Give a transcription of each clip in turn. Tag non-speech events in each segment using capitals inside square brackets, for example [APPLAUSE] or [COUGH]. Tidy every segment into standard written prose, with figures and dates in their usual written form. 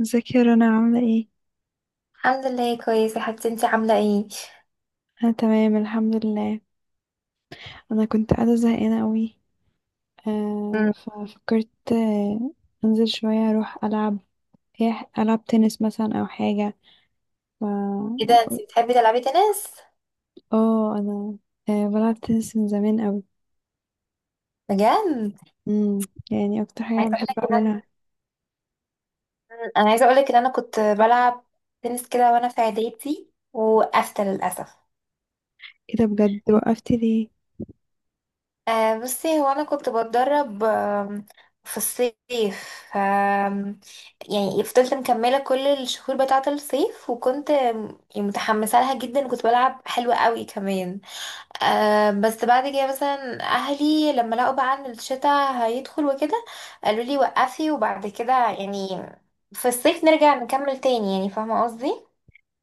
ازيك يا رنا؟ عاملة ايه؟ الحمد لله كويسة يا حبيبتي، انتي عاملة ايه؟ انا تمام الحمد لله. انا كنت قاعدة زهقانة قوي. آه مم. ففكرت آه انزل شوية اروح العب. العب تنس مثلا او حاجة. ف... ايه ده، انتي بتحبي تلعبي تنس؟ اه انا بلعب تنس من زمان قوي. بجد؟ يعني اكتر حاجة انا عايزة بحب اقولك ان انا اعملها. انا عايزة اقولك ان انا كنت بلعب تنس كده وانا في اعدادي، وقفت للأسف. ايه ده، بجد وقفتي ليه؟ بصي، هو انا كنت بتدرب في الصيف، يعني فضلت مكملة كل الشهور بتاعة الصيف، وكنت متحمسة لها جدا، وكنت بلعب حلوة قوي كمان. بس بعد كده مثلا اهلي لما لقوا بقى ان الشتاء هيدخل وكده، قالوا لي وقفي، وبعد كده يعني في الصيف نرجع نكمل تاني، يعني فاهمه قصدي.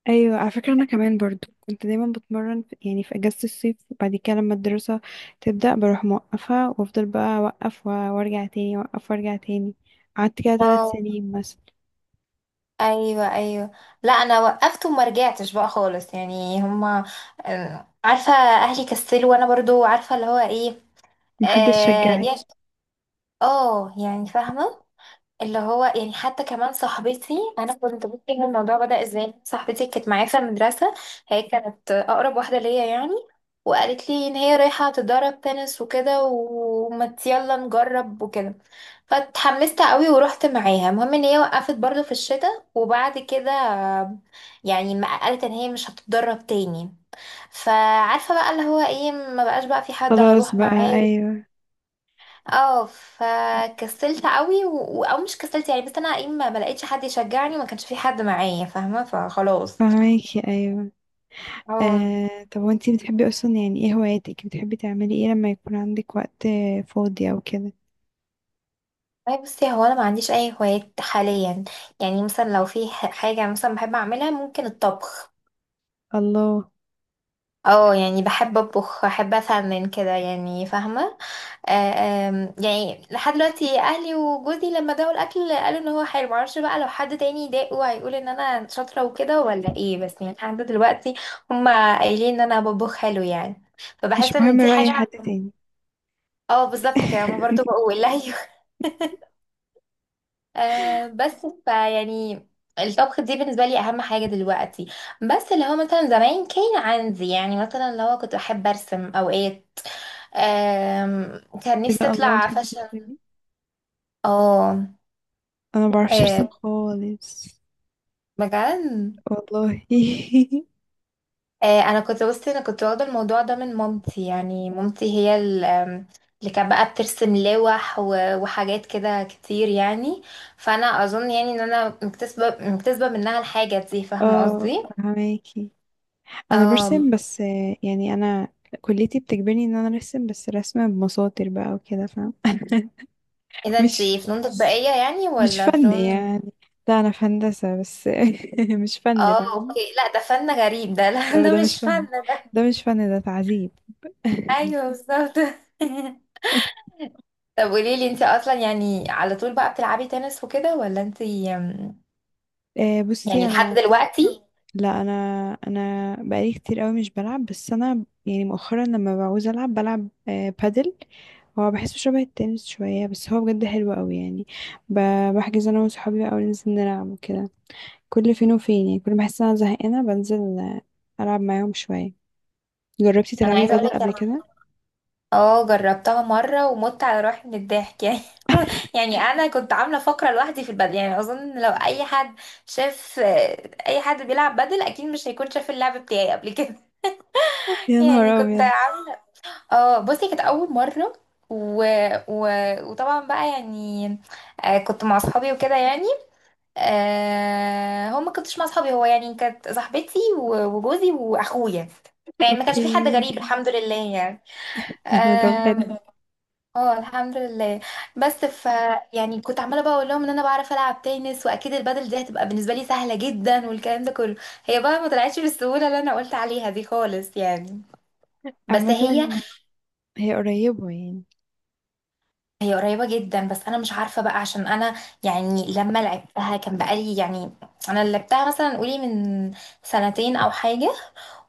ايوه، على فكره انا كمان برضو كنت دايما بتمرن في، يعني في اجازه الصيف، وبعد كده لما الدراسه تبدا بروح موقفه وافضل بقى اوقف و- وارجع تاني، اوقف وارجع تاني. قعدت كده ثلاث اه، سنين مثلا. ايوه ايوه. لا انا وقفت وما رجعتش بقى خالص، يعني هما عارفه اهلي كسلوا، وانا برضو عارفه اللي هو ايه. محدش اه شجعي. يا- يعني فاهمه اللي هو يعني، حتى كمان صاحبتي. انا كنت بصي ان الموضوع بدأ ازاي، صاحبتي كانت معايا في المدرسة، هي كانت اقرب واحدة ليا يعني، وقالت لي ان هي رايحة تتدرب تنس وكده، وما يلا نجرب وكده. فاتحمست قوي ورحت معاها. المهم ان هي وقفت برضو في الشتاء، وبعد كده يعني ما قالت ان هي مش هتتدرب تاني. فعارفة بقى اللي هو ايه، ما بقاش بقى في حد خلاص هروح بقى، معاه. ايوه. اه، فكسلت قوي او مش كسلت يعني، بس انا ايه، ما لقيتش حد يشجعني، ما كانش في حد معايا، فاهمه، فخلاص. فهماكي، ايوه. اه. طب، وانتي بتحبي اصلا؟ يعني ايه هواياتك؟ بتحبي تعملي ايه لما يكون عندك وقت فاضي او كده؟ أي بصي، هو انا ما عنديش اي هوايات حاليا. يعني مثلا لو في حاجه مثلا بحب اعملها، ممكن الطبخ. الله. اه يعني بحب اطبخ، احب افنن كده، يعني فاهمه. آه، آم، يعني لحد دلوقتي اهلي وجوزي لما داقوا الاكل قالوا ان هو حلو. معرفش بقى لو حد تاني داقه هيقول ان انا شاطره وكده ولا ايه، بس يعني لحد دلوقتي هما قايلين ان انا بطبخ حلو يعني. مش فبحس ان مهم دي رأي حد حاجه. تاني. [LAUGHS] اه بالظبط كده، هما برضه [LAUGHS] بقول. [LAUGHS] ايوه. بس فيعني الطبخ دي بالنسبه لي اهم حاجه دلوقتي. بس اللي هو مثلا زمان كان عندي يعني، مثلا اللي هو كنت بحب ارسم اوقات. كان نفسي اذا الله، اطلع بتحبي فاشن. ترسمي. اه. انا ما بعرفش ارسم آه، خالص. بجد. والله. [LAUGHS] آه انا كنت بصي، انا كنت واخده الموضوع ده من مامتي، يعني مامتي هي ال- آم، اللي كانت بقى بترسم لوح وحاجات كده كتير يعني. فانا اظن يعني ان انا مكتسبه منها الحاجه دي، فاهمه اه، قصدي. فهماكي. انا اه. برسم، بس يعني انا كليتي بتجبرني ان انا ارسم، بس رسمة بمساطر بقى وكده، فاهم؟ [LAUGHS] اذا مش، انتي فنون تطبيقيه يعني مش ولا فن فنون. يعني. لا، انا في هندسة بس. [LAUGHS] مش فن، اه فاهم؟ اوكي، لا ده فن غريب ده. [LAUGHS] لا ده ده مش مش فن. فن ده. ده مش فن، ده تعذيب. ايوه [LAUGHS] بالظبط. [LAUGHS] طب قولي لي، انتي اصلا يعني على طول بقى بتلعبي تنس وكده ولا انتي يعني بصي لحد انا، دلوقتي. لا انا بقالي كتير قوي مش بلعب، بس انا يعني مؤخرا لما بعوز العب بلعب بادل. هو بحسه شبه التنس شوية، بس هو بجد حلو قوي يعني. بحجز انا وصحابي بقى، وننزل نلعب وكده، كل فين وفين. يعني كل ما احس إن انا زهقانة بنزل العب معاهم شوية. جربتي انا تلعبي عايزه اقول بدل لك قبل انا كده؟ اه جربتها مره، ومت على روحي من الضحك يعني. [LAUGHS] يعني انا كنت عامله فقره لوحدي في البدل، يعني اظن لو اي حد شاف اي حد بيلعب بدل اكيد مش هيكون شاف اللعب بتاعي قبل كده. [LAUGHS] يا يعني نهار كنت أبيض. عامله، اه بصي كانت اول مره و... و... وطبعا بقى يعني كنت مع اصحابي وكده يعني. آه... هو ما كنتش مع اصحابي، هو يعني كانت صاحبتي وجوزي واخويا، يعني ما كانش اوكي. في حد غريب الحمد لله يعني. [LAUGHS] [LAUGHS] طب، حلو. آم، اه الحمد لله. بس ف يعني كنت عماله بقى اقول لهم ان انا بعرف العب تنس، واكيد البادل دي هتبقى بالنسبه لي سهله جدا والكلام ده كله. هي بقى ما طلعتش بالسهوله اللي انا قلت عليها دي خالص يعني. بس عامة هي، هي قريبة يعني. هي قريبه جدا، بس انا مش عارفه بقى عشان انا يعني لما لعبتها كان بقالي يعني، انا لعبتها مثلا قولي من سنتين او حاجه.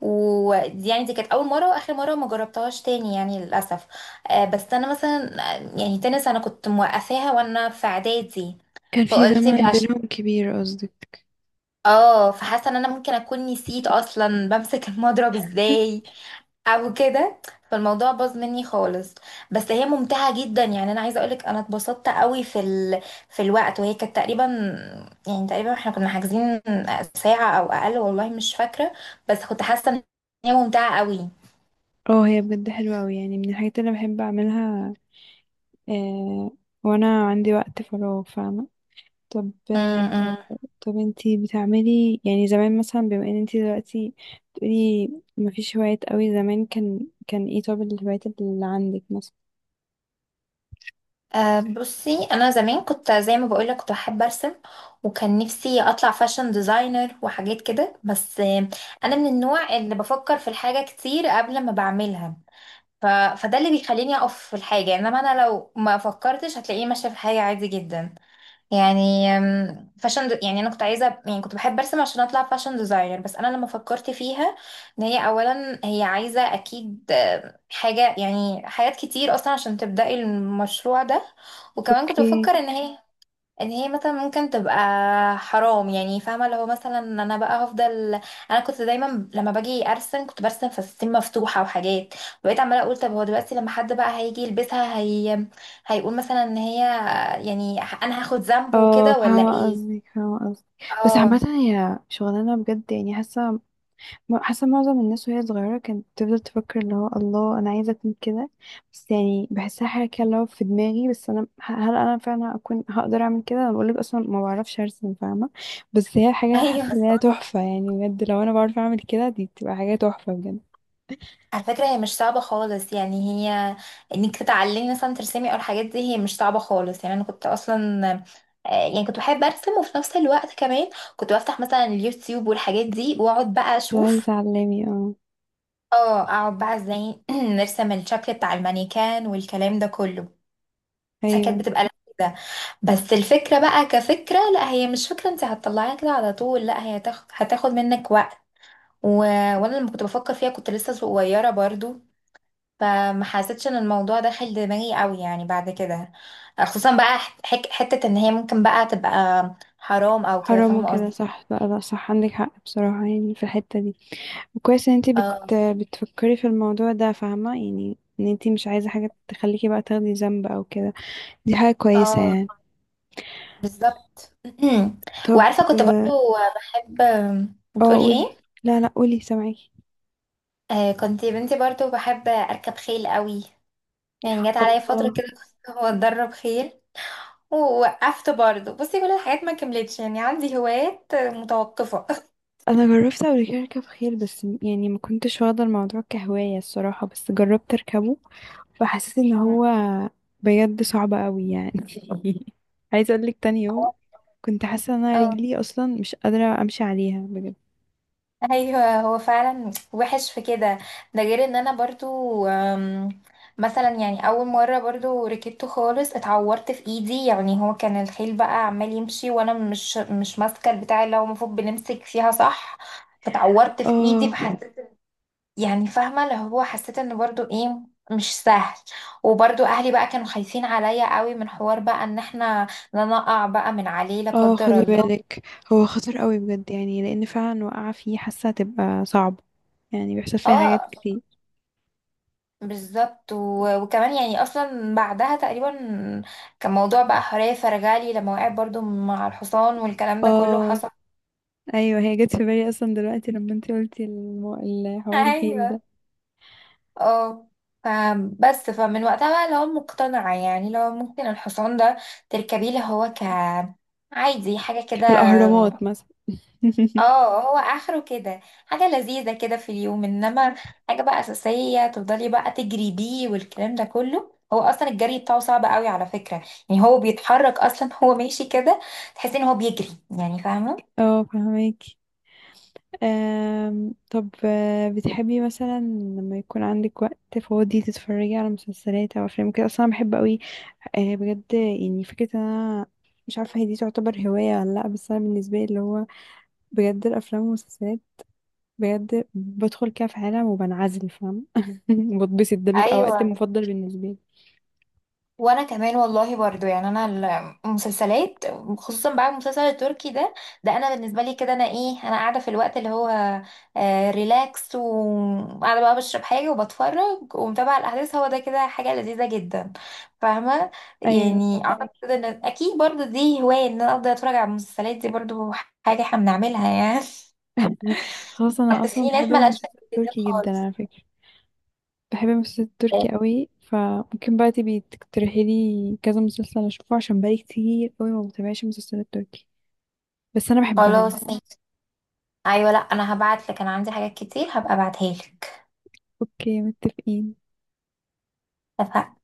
ودي يعني دي كانت اول مره واخر مره، ما جربتهاش تاني يعني للاسف. آه، بس انا مثلا آه، يعني تنس انا كنت موقفاها وانا في اعدادي. كان في فقلت مش زمن عش... بينهم كبير قصدك. [LAUGHS] اه فحاسه ان انا ممكن اكون نسيت اصلا بمسك المضرب ازاي او كده، فالموضوع باظ مني خالص. بس هي ممتعه جدا، يعني انا عايزه اقولك انا اتبسطت قوي في في الوقت. وهي كانت تقريبا، يعني تقريبا احنا كنا حاجزين ساعه او اقل والله مش فاكره، بس كنت حاسه ان هي ممتعه قوي. اه، هي بجد حلوة قوي يعني، من الحاجات اللي بحب اعملها آه وانا عندي وقت فراغ، فاهمة؟ طب، م- م. انتي بتعملي يعني زمان مثلا، بما ان انتي دلوقتي بتقولي مفيش هوايات قوي، زمان كان ايه؟ طب الهوايات اللي عندك مثلا؟ أه بصي انا زمان كنت زي ما بقولك كنت بحب ارسم، وكان نفسي اطلع فاشن ديزاينر وحاجات كده، بس آه، انا من النوع اللي بفكر في الحاجه كتير قبل ما بعملها. فده اللي بيخليني اقف في الحاجه، انما انا لو ما فكرتش هتلاقيني ماشيه في الحاجه عادي جدا. يعني يعني انا كنت عايزه، يعني كنت بحب ارسم عشان اطلع فاشن ديزاينر، بس انا لما فكرت فيها ان هي اولا هي عايزه اكيد حاجه، يعني حاجات كتير اصلا عشان تبداي المشروع ده. وكمان كنت اوكي. بفكر ان هي مثلا ممكن تبقى حرام يعني، فاهمه؟ لو مثلا انا بقى هفضل، انا كنت دايما لما باجي ارسم كنت برسم فساتين مفتوحه وحاجات. بقيت عماله اقول طب هو دلوقتي لما حد بقى هيجي يلبسها، هي هيقول مثلا ان هي يعني انا هاخد ذنبه اه، وكده ولا فاهمة ايه. قصدك، فاهمة قصدك. بس عامة اه. هي شغلانة بجد، يعني حاسة، حاسة معظم الناس وهي صغيرة كانت بتفضل تفكر اللي هو، الله، أنا عايزة أكون كده. بس يعني بحسها حاجة كده اللي هو في دماغي، بس أنا، هل أنا فعلا أكون هقدر أعمل كده؟ أنا بقولك أصلا ما بعرفش أرسم، فاهمة؟ بس هي [LAUGHS] حاجة، ايوه، حاسة إن هي تحفة يعني، بجد لو أنا بعرف أعمل كده دي بتبقى حاجة تحفة بجد. على فكرة هي مش صعبة خالص يعني. هي انك تتعلمي مثلا ترسمي او الحاجات دي، هي مش صعبة خالص يعني. انا كنت اصلا آه، يعني كنت بحب ارسم، وفي نفس الوقت كمان كنت بفتح مثلا اليوتيوب والحاجات دي واقعد بقى لو عايزة اشوف. تعلمي، اه. اه، اقعد بقى ازاي [CLEARS THROAT] نرسم الشكل بتاع المانيكان والكلام ده كله. فكانت أيوه. بتبقى لذيذة. بس الفكرة بقى كفكرة، لا هي مش فكرة انت هتطلعيها كده على طول، لا هي هتاخد منك وقت. و... وانا لما كنت بفكر فيها كنت لسه صغيرة برضو، فما حسيتش ان الموضوع داخل دماغي قوي يعني بعد كده. خصوصا بقى حت- حك حتة ان هي ممكن بقى تبقى حرام او كده، حرام فاهمة وكده، قصدي؟ صح. لا لا، صح عندك حق بصراحة يعني في الحتة دي. وكويس إن انتي اه. بتفكري في الموضوع ده، فاهمة؟ يعني إن انتي مش عايزة حاجة تخليكي بقى تاخدي ذنب أو كده. دي حاجة كويسة اه يعني. بالظبط. [CLEARS THROAT] طب. وعارفة كنت اه. برضو بحب، بتقولي ايه؟ قولي. لا لا، قولي، سامعاكي. آه كنت يا بنتي برضو بحب اركب خيل قوي. يعني جت عليا فترة الله. كده كنت [LAUGHS] بتدرب خيل. ووقفت برضو، بصي كل الحاجات ما كملتش يعني، عندي هوايات متوقفة. [LAUGHS] انا جربت قبل كده اركب خيل، بس يعني ما كنتش واخده الموضوع كهوايه الصراحه، بس جربت اركبه فحسيت ان هو بجد صعب قوي يعني. [LAUGHS] عايزه اقول لك، تاني يوم كنت حاسه ان انا اه رجلي اصلا مش قادره امشي عليها بجد. ايوه، هو فعلا وحش في كده. ده غير ان انا برضو مثلا يعني اول مره برضو ركبته خالص اتعورت في ايدي، يعني هو كان الخيل بقى عمال يمشي وانا مش ماسكه البتاع اللي هو المفروض بنمسك فيها صح، فتعورت في ايدي. اه. فحسيت يعني فاهمه اللي هو، حسيت ان برضو ايه، مش سهل. وبرضو اهلي بقى كانوا خايفين عليا قوي من حوار بقى ان احنا لا نقع بقى من عليه لا اه قدر خدي الله. بالك، هو خطر قوي بجد يعني، لان فعلا وقع فيه حاسه هتبقى صعبه، يعني بيحصل فيها حاجات اه كتير. بالظبط، وكمان يعني اصلا بعدها تقريبا كان موضوع بقى حرية فرغالي لما وقعت برضو مع الحصان والكلام ده كله اه. حصل. ايوه، هي جت في بالي اصلا دلوقتي لما انت قلتي [LAUGHS] الحوار الخيل ايوه. ده، اه فبس فمن وقتها بقى اللي هو مقتنعة يعني، لو ممكن الحصان ده تركبيه اللي هو ك عادي حاجة كده. في الاهرامات مثلا. [LAUGHS] اه، هو اخره كده حاجة لذيذة كده في اليوم، انما حاجة بقى اساسية تفضلي بقى تجري بيه والكلام ده كله، هو اصلا الجري بتاعه صعب قوي على فكرة. يعني هو بيتحرك اصلا [LAUGHS] هو ماشي كده تحسي ان هو بيجري، يعني فاهمة؟ اه، فهماكي. طب، بتحبي مثلا لما يكون عندك وقت فاضي تتفرجي على مسلسلات او افلام كده؟ اصلا أنا بحب قوي. أه بجد، يعني فكره ان انا مش عارفه هي دي تعتبر هوايه ولا لا، بس انا بالنسبه لي اللي هو بجد الافلام والمسلسلات، بجد بدخل كده في عالم وبنعزل، فاهم؟ [LAUGHS] بتبسط، ده بيبقى وقت ايوه، مفضل بالنسبه لي. وانا كمان والله برضو يعني انا المسلسلات، خصوصا بقى المسلسل التركي ده. ده انا بالنسبه لي كده، انا ايه، انا قاعده في الوقت اللي هو آه ريلاكس، وقاعده بقى بشرب حاجه وبتفرج ومتابعه الاحداث، هو ده كده حاجه لذيذه جدا فاهمه. ايوه، يعني اعتقد فهماكي. كده ان اكيد برضو دي هوايه، ان انا افضل اتفرج على المسلسلات دي برضو حاجه احنا بنعملها يعني. خلاص، انا [LAUGHS] بس اصلا في ناس بحب ملهاش في المسلسل التلفزيون التركي جدا خالص. على فكرة. بحب المسلسل التركي قوي، فممكن بقى تبي تقترحي لي كذا مسلسل اشوفه؟ عشان بقالي كتير قوي ما بتابعش المسلسلات التركي، بس انا بحبها يعني. خلاص ماشي. ايوه لا انا هبعت لك، انا عندي حاجات كتير هبقى ابعتها لك. اوكي، متفقين. اتفقنا.